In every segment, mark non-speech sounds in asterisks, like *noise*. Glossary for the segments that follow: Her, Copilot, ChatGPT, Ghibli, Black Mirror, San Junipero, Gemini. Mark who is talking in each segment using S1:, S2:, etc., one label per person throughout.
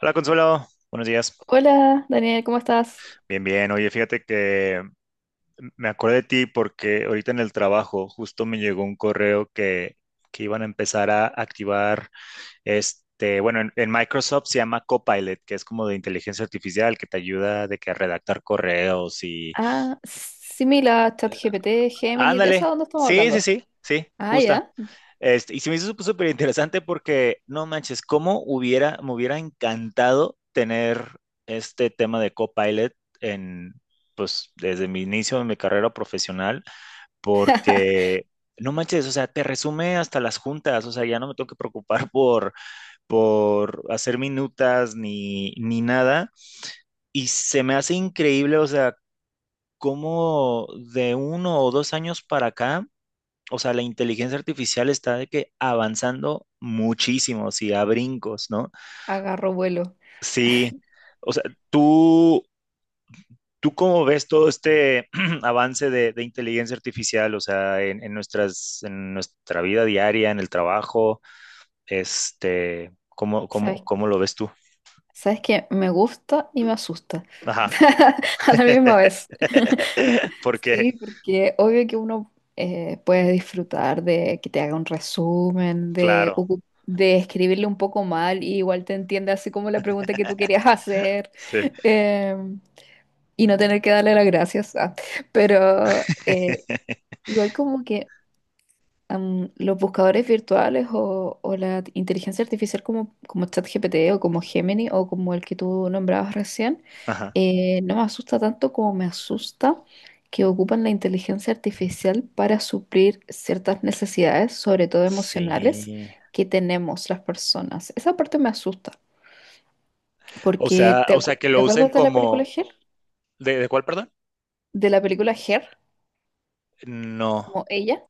S1: Hola Consuelo, buenos días.
S2: Hola, Daniel, ¿cómo estás?
S1: Bien, bien. Oye, fíjate que me acordé de ti porque ahorita en el trabajo justo me llegó un correo que iban a empezar a activar este, bueno, en Microsoft se llama Copilot, que es como de inteligencia artificial que te ayuda de que a redactar correos y...
S2: Ah, similar,
S1: eh,
S2: ChatGPT, Gemini, ¿de
S1: Ándale.
S2: eso dónde estamos
S1: Sí, sí,
S2: hablando?
S1: sí, sí,
S2: Ah,
S1: justa.
S2: ya.
S1: Este, y se me hizo súper interesante porque, no manches, me hubiera encantado tener este tema de Copilot en, pues, desde mi inicio de mi carrera profesional,
S2: *laughs*
S1: porque no manches, o sea, te resume hasta las juntas, o sea, ya no me tengo que preocupar *laughs* por hacer minutas ni nada. Y se me hace increíble, o sea, cómo de 1 o 2 años para acá, o sea, la inteligencia artificial está de que avanzando muchísimo, sí, a brincos, ¿no?
S2: Agarro vuelo.
S1: Sí, o sea, tú, ¿tú cómo ves todo este *clears throat* avance de inteligencia artificial, o sea, en nuestra vida diaria, en el trabajo, este, ¿cómo, cómo,
S2: ¿Sabes,
S1: cómo lo ves tú?
S2: sabes qué? Me gusta y me asusta.
S1: Ajá,
S2: *laughs* A la misma vez. *laughs*
S1: *laughs* porque,
S2: Sí, porque obvio que uno puede disfrutar de que te haga un resumen,
S1: claro,
S2: de escribirle un poco mal y igual te entiende así como la pregunta que tú querías hacer
S1: sí,
S2: em, y no tener que darle las gracias. Ah. Pero igual como que los buscadores virtuales o la inteligencia artificial como, como ChatGPT o como Gemini o como el que tú nombrabas recién,
S1: ajá,
S2: no me asusta tanto como me asusta que ocupan la inteligencia artificial para suplir ciertas necesidades, sobre todo emocionales,
S1: sí.
S2: que tenemos las personas. Esa parte me asusta,
S1: O
S2: porque
S1: sea, o
S2: ¿te,
S1: sea,
S2: acu-
S1: que
S2: te
S1: lo usen
S2: acuerdas de la película
S1: como,
S2: Her?
S1: ¿de cuál, perdón?
S2: De la película Her,
S1: No.
S2: como ella,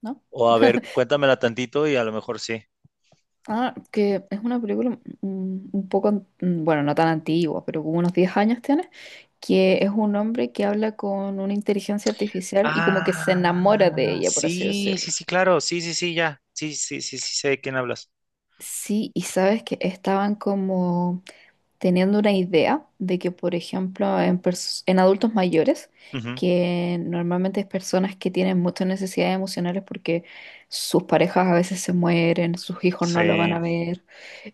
S2: ¿no?
S1: O a ver,
S2: *laughs*
S1: cuéntamela tantito y a lo mejor sí.
S2: Ah, que es una película un poco, bueno, no tan antigua, pero como unos 10 años tiene, que es un hombre que habla con una inteligencia artificial y como que se
S1: Ah,
S2: enamora de ella, por así
S1: sí, sí,
S2: decirlo.
S1: sí, claro, sí, sí, sí, ya, sí, sí, sí, sí, sé de quién hablas.
S2: Sí, y sabes que estaban como teniendo una idea de que, por ejemplo, en adultos mayores,
S1: Ujú.
S2: que normalmente es personas que tienen muchas necesidades emocionales porque sus parejas a veces se mueren, sus hijos no lo van
S1: Sí.
S2: a ver.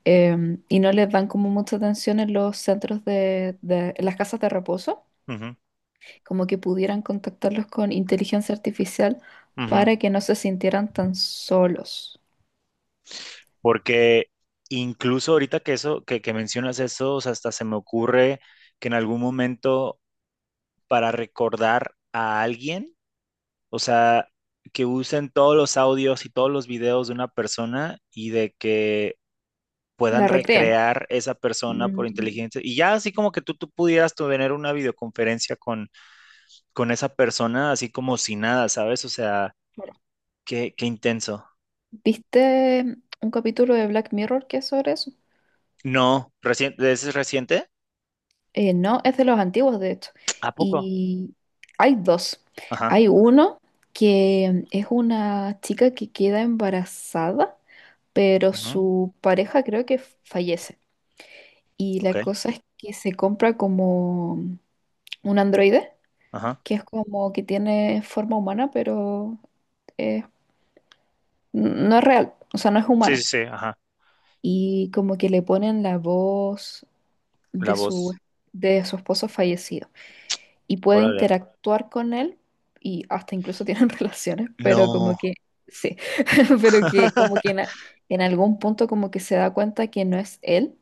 S2: Y no les dan como mucha atención en los en las casas de reposo,
S1: Ujú,
S2: como que pudieran contactarlos con inteligencia artificial
S1: ujú.
S2: para que no se sintieran tan solos.
S1: Porque incluso ahorita que eso, que mencionas eso, o sea, hasta se me ocurre que en algún momento para recordar a alguien, o sea, que usen todos los audios y todos los videos de una persona y de que puedan
S2: La recreen.
S1: recrear esa persona por
S2: Mm,
S1: inteligencia. Y ya así como que tú pudieras tener una videoconferencia con esa persona, así como si nada, ¿sabes? O sea,
S2: claro.
S1: qué intenso.
S2: ¿Viste un capítulo de Black Mirror que es sobre eso?
S1: No, recién, ¿es reciente?
S2: No, es de los antiguos, de hecho.
S1: ¿A poco?
S2: Y hay dos.
S1: Ajá.
S2: Hay uno que es una chica que queda embarazada, pero
S1: Ujú.
S2: su pareja creo que fallece. Y
S1: Ok.
S2: la cosa es que se compra como un androide,
S1: Ajá.
S2: que es como que tiene forma humana, pero eh, no es real, o sea, no es
S1: Sí, sí,
S2: humano.
S1: sí, ajá.
S2: Y como que le ponen la voz
S1: La
S2: de su,
S1: voz.
S2: de su esposo fallecido. Y puede
S1: Órale.
S2: interactuar con él y hasta incluso tienen *laughs* relaciones, pero como
S1: No.
S2: que, sí, *laughs* pero que como que
S1: *laughs*
S2: en, a- en algún punto como que se da cuenta que no es él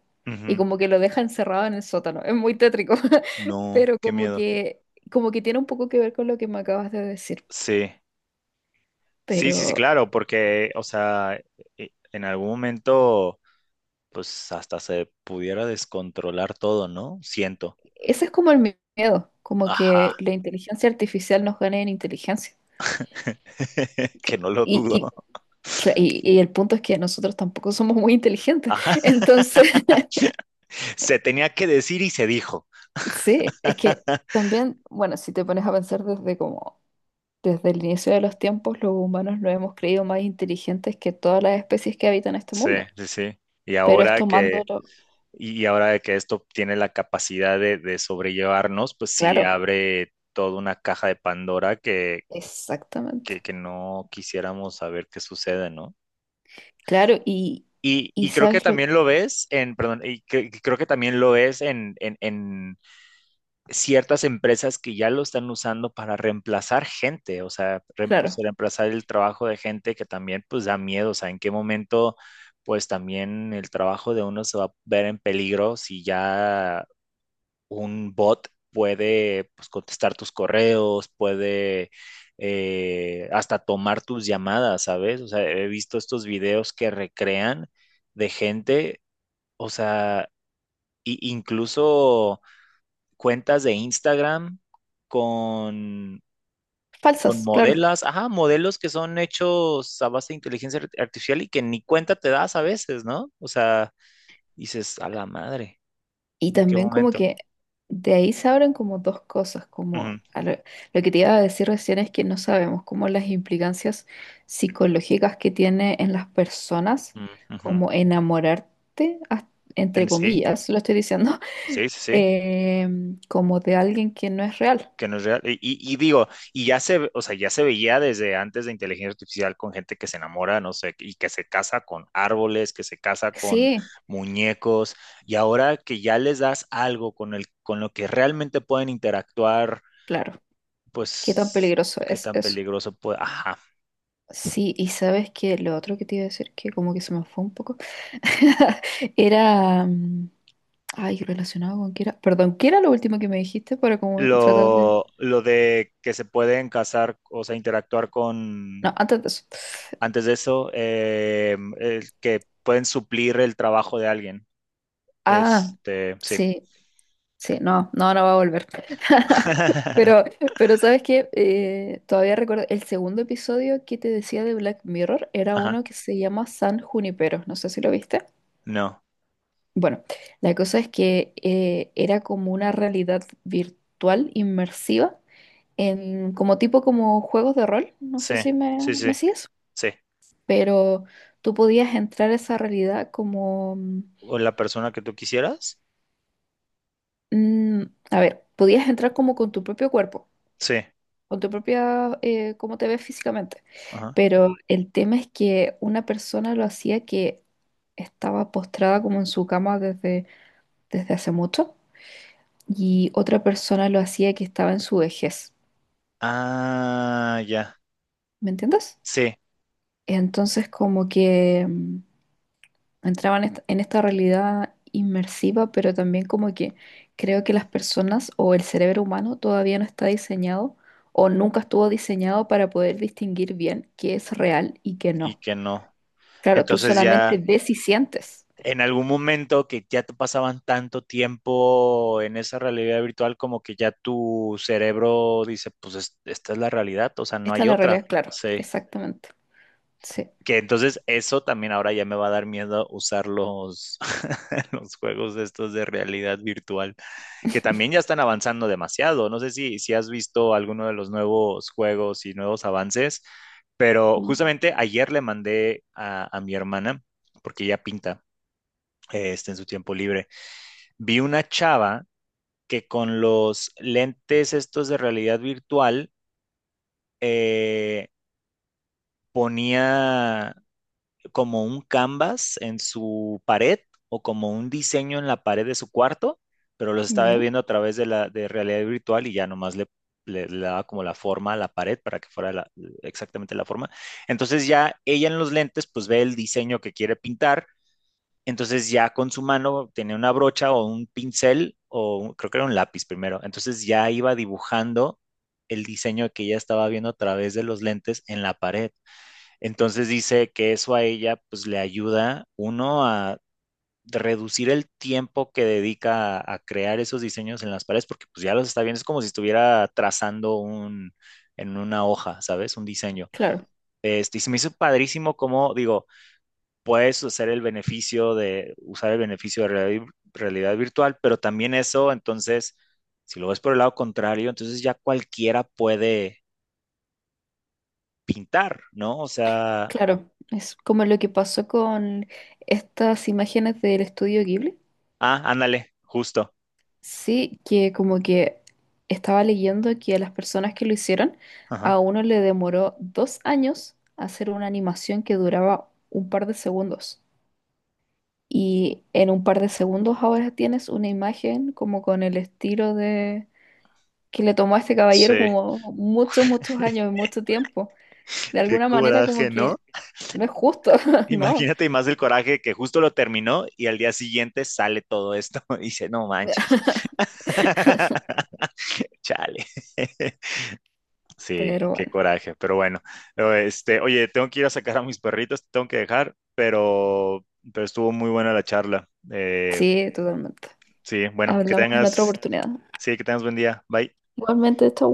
S2: y
S1: Ujú.
S2: como que lo deja encerrado en el sótano. Es muy tétrico, *laughs*
S1: No,
S2: pero
S1: qué miedo.
S2: como que tiene un poco que ver con lo que me acabas de decir.
S1: Sí, sí, sí, sí,
S2: Pero
S1: claro, porque, o sea, en algún momento. Pues hasta se pudiera descontrolar todo, ¿no? Siento.
S2: ese es como el miedo, como
S1: Ajá,
S2: que la inteligencia artificial nos gane en inteligencia.
S1: *laughs* que
S2: Que-
S1: no lo
S2: Y,
S1: dudo.
S2: y, y y el punto es que nosotros tampoco somos muy inteligentes,
S1: Ajá.
S2: *laughs* entonces *laughs*
S1: *laughs* Se tenía que decir y se dijo.
S2: Sí, es que también, bueno, si te pones a pensar desde como desde el inicio de los tiempos, los humanos nos hemos creído más inteligentes que todas las especies que habitan este
S1: Sí,
S2: mundo.
S1: sí, sí. Y
S2: Pero es
S1: ahora que,
S2: tomándolo,
S1: y ahora de que esto tiene la capacidad de sobrellevarnos, pues sí
S2: claro,
S1: abre toda una caja de Pandora que, que,
S2: exactamente.
S1: que no quisiéramos saber qué sucede, ¿no?
S2: Claro, y,
S1: Y,
S2: y
S1: y creo que
S2: sabes lo,
S1: también lo ves en, perdón, y creo que también lo ves ciertas empresas que ya lo están usando para reemplazar gente, o sea,
S2: claro,
S1: reemplazar el trabajo de gente que también pues da miedo, o sea, en qué momento pues también el trabajo de uno se va a ver en peligro si ya un bot puede pues contestar tus correos, puede hasta tomar tus llamadas, ¿sabes? O sea, he visto estos videos que recrean de gente, o sea, incluso cuentas de Instagram con, con
S2: falsas, claro.
S1: modelos, ajá, modelos que son hechos a base de inteligencia artificial y que ni cuenta te das a veces, ¿no? O sea, dices, a la madre,
S2: Y
S1: ¿en qué
S2: también como
S1: momento?
S2: que de ahí se abren como dos cosas, como
S1: Ujú,
S2: a lo que te iba a decir recién es que no sabemos como las implicancias psicológicas que tiene en las personas,
S1: mm, ujú.
S2: como enamorarte, entre
S1: Sí,
S2: comillas, lo estoy diciendo,
S1: sí, sí,
S2: *laughs*
S1: sí.
S2: eh, como de alguien que no es real.
S1: Que no es real. Y, digo, o sea, ya se veía desde antes de inteligencia artificial con gente que se enamora, no sé, y que se casa con árboles, que se casa con
S2: Sí,
S1: muñecos, y ahora que ya les das algo con el, con lo que realmente pueden interactuar,
S2: claro, qué tan
S1: pues,
S2: peligroso
S1: qué
S2: es
S1: tan
S2: eso.
S1: peligroso puede, ajá.
S2: Sí, y sabes que lo otro que te iba a decir, que como que se me fue un poco, *laughs* era... mm, ay, relacionado con qué era. Perdón, ¿qué era lo último que me dijiste para como tratar de.
S1: Lo de que se pueden casar, o sea, interactuar
S2: No,
S1: con,
S2: antes de eso.
S1: antes de eso, que pueden suplir el trabajo de alguien.
S2: Ah,
S1: Este, sí.
S2: sí, sí, no, no, no va a volver. *laughs*
S1: *laughs*
S2: Pero, pero ¿sabes qué? Todavía recuerdo el segundo episodio que te decía de Black Mirror era
S1: Ajá,
S2: uno que se llama San Junipero. No sé si lo viste.
S1: no,
S2: Bueno, la cosa es que era como una realidad virtual inmersiva en como tipo como juegos de rol. No
S1: sí,
S2: sé si
S1: sí, sí,
S2: me sigues.
S1: sí.
S2: Pero tú podías entrar a esa realidad como,
S1: ¿O la persona que tú quisieras?
S2: mm, a ver, podías entrar como con tu propio cuerpo,
S1: Sí,
S2: con tu propia, cómo te ves físicamente,
S1: ajá.
S2: pero el tema es que una persona lo hacía que estaba postrada como en su cama desde hace mucho y otra persona lo hacía que estaba en su vejez,
S1: Ah, ya,
S2: ¿me entiendes?
S1: sí,
S2: Entonces como que... mm, Entraba en en esta realidad inmersiva, pero también como que creo que las personas o el cerebro humano todavía no está diseñado o nunca estuvo diseñado para poder distinguir bien qué es real y qué
S1: y
S2: no.
S1: que no.
S2: Claro, tú
S1: Entonces
S2: solamente
S1: ya,
S2: ves y sientes.
S1: en algún momento que ya te pasaban tanto tiempo en esa realidad virtual, como que ya tu cerebro dice, pues esta es la realidad, o sea, no
S2: Esta es
S1: hay
S2: la
S1: otra.
S2: realidad, claro,
S1: Sí.
S2: exactamente. Sí.
S1: Que entonces eso también ahora ya me va a dar miedo usar *laughs* los juegos estos de realidad virtual, que también ya están avanzando demasiado. No sé si has visto alguno de los nuevos juegos y nuevos avances, pero
S2: Mm,
S1: justamente ayer le mandé a mi hermana, porque ella pinta este, en su tiempo libre, vi una chava que con los lentes estos de realidad virtual eh, ponía como un canvas en su pared o como un diseño en la pared de su cuarto, pero los estaba
S2: ¿ya?
S1: viendo a través de la de realidad virtual y ya nomás le daba como la forma a la pared para que fuera exactamente la forma. Entonces ya ella en los lentes pues ve el diseño que quiere pintar, entonces ya con su mano tenía una brocha o un pincel creo que era un lápiz primero, entonces ya iba dibujando el diseño que ella estaba viendo a través de los lentes en la pared. Entonces dice que eso a ella pues le ayuda uno a reducir el tiempo que dedica a crear esos diseños en las paredes porque pues ya los está viendo, es como si estuviera trazando un en una hoja, ¿sabes? Un diseño.
S2: Claro,
S1: Este, y se me hizo padrísimo como, digo, puedes hacer el beneficio de, usar el beneficio de realidad virtual, pero también eso, entonces, si lo ves por el lado contrario, entonces ya cualquiera puede pintar, ¿no? O sea,
S2: claro. Es como lo que pasó con estas imágenes del estudio Ghibli.
S1: ah, ándale, justo.
S2: Sí, que como que estaba leyendo que a las personas que lo hicieron, a
S1: Ajá.
S2: uno le demoró 2 años hacer una animación que duraba un par de segundos. Y en un par de segundos ahora tienes una imagen como con el estilo de que le tomó a este
S1: Sí,
S2: caballero como muchos, muchos años y
S1: *laughs*
S2: mucho tiempo. De
S1: qué
S2: alguna manera como
S1: coraje, ¿no?
S2: que no es justo, *laughs* ¿no?
S1: Imagínate, y más el coraje que justo lo terminó y al día siguiente sale todo esto *laughs* y dice, no manches. *laughs* Chale. *laughs* Sí,
S2: Pero
S1: qué
S2: bueno,
S1: coraje, pero bueno. Pero, este, oye, tengo que ir a sacar a mis perritos, te tengo que dejar, pero estuvo muy buena la charla.
S2: sí, totalmente.
S1: Sí, bueno,
S2: Hablamos en otra oportunidad.
S1: sí, que tengas buen día. Bye.
S2: Igualmente, chau.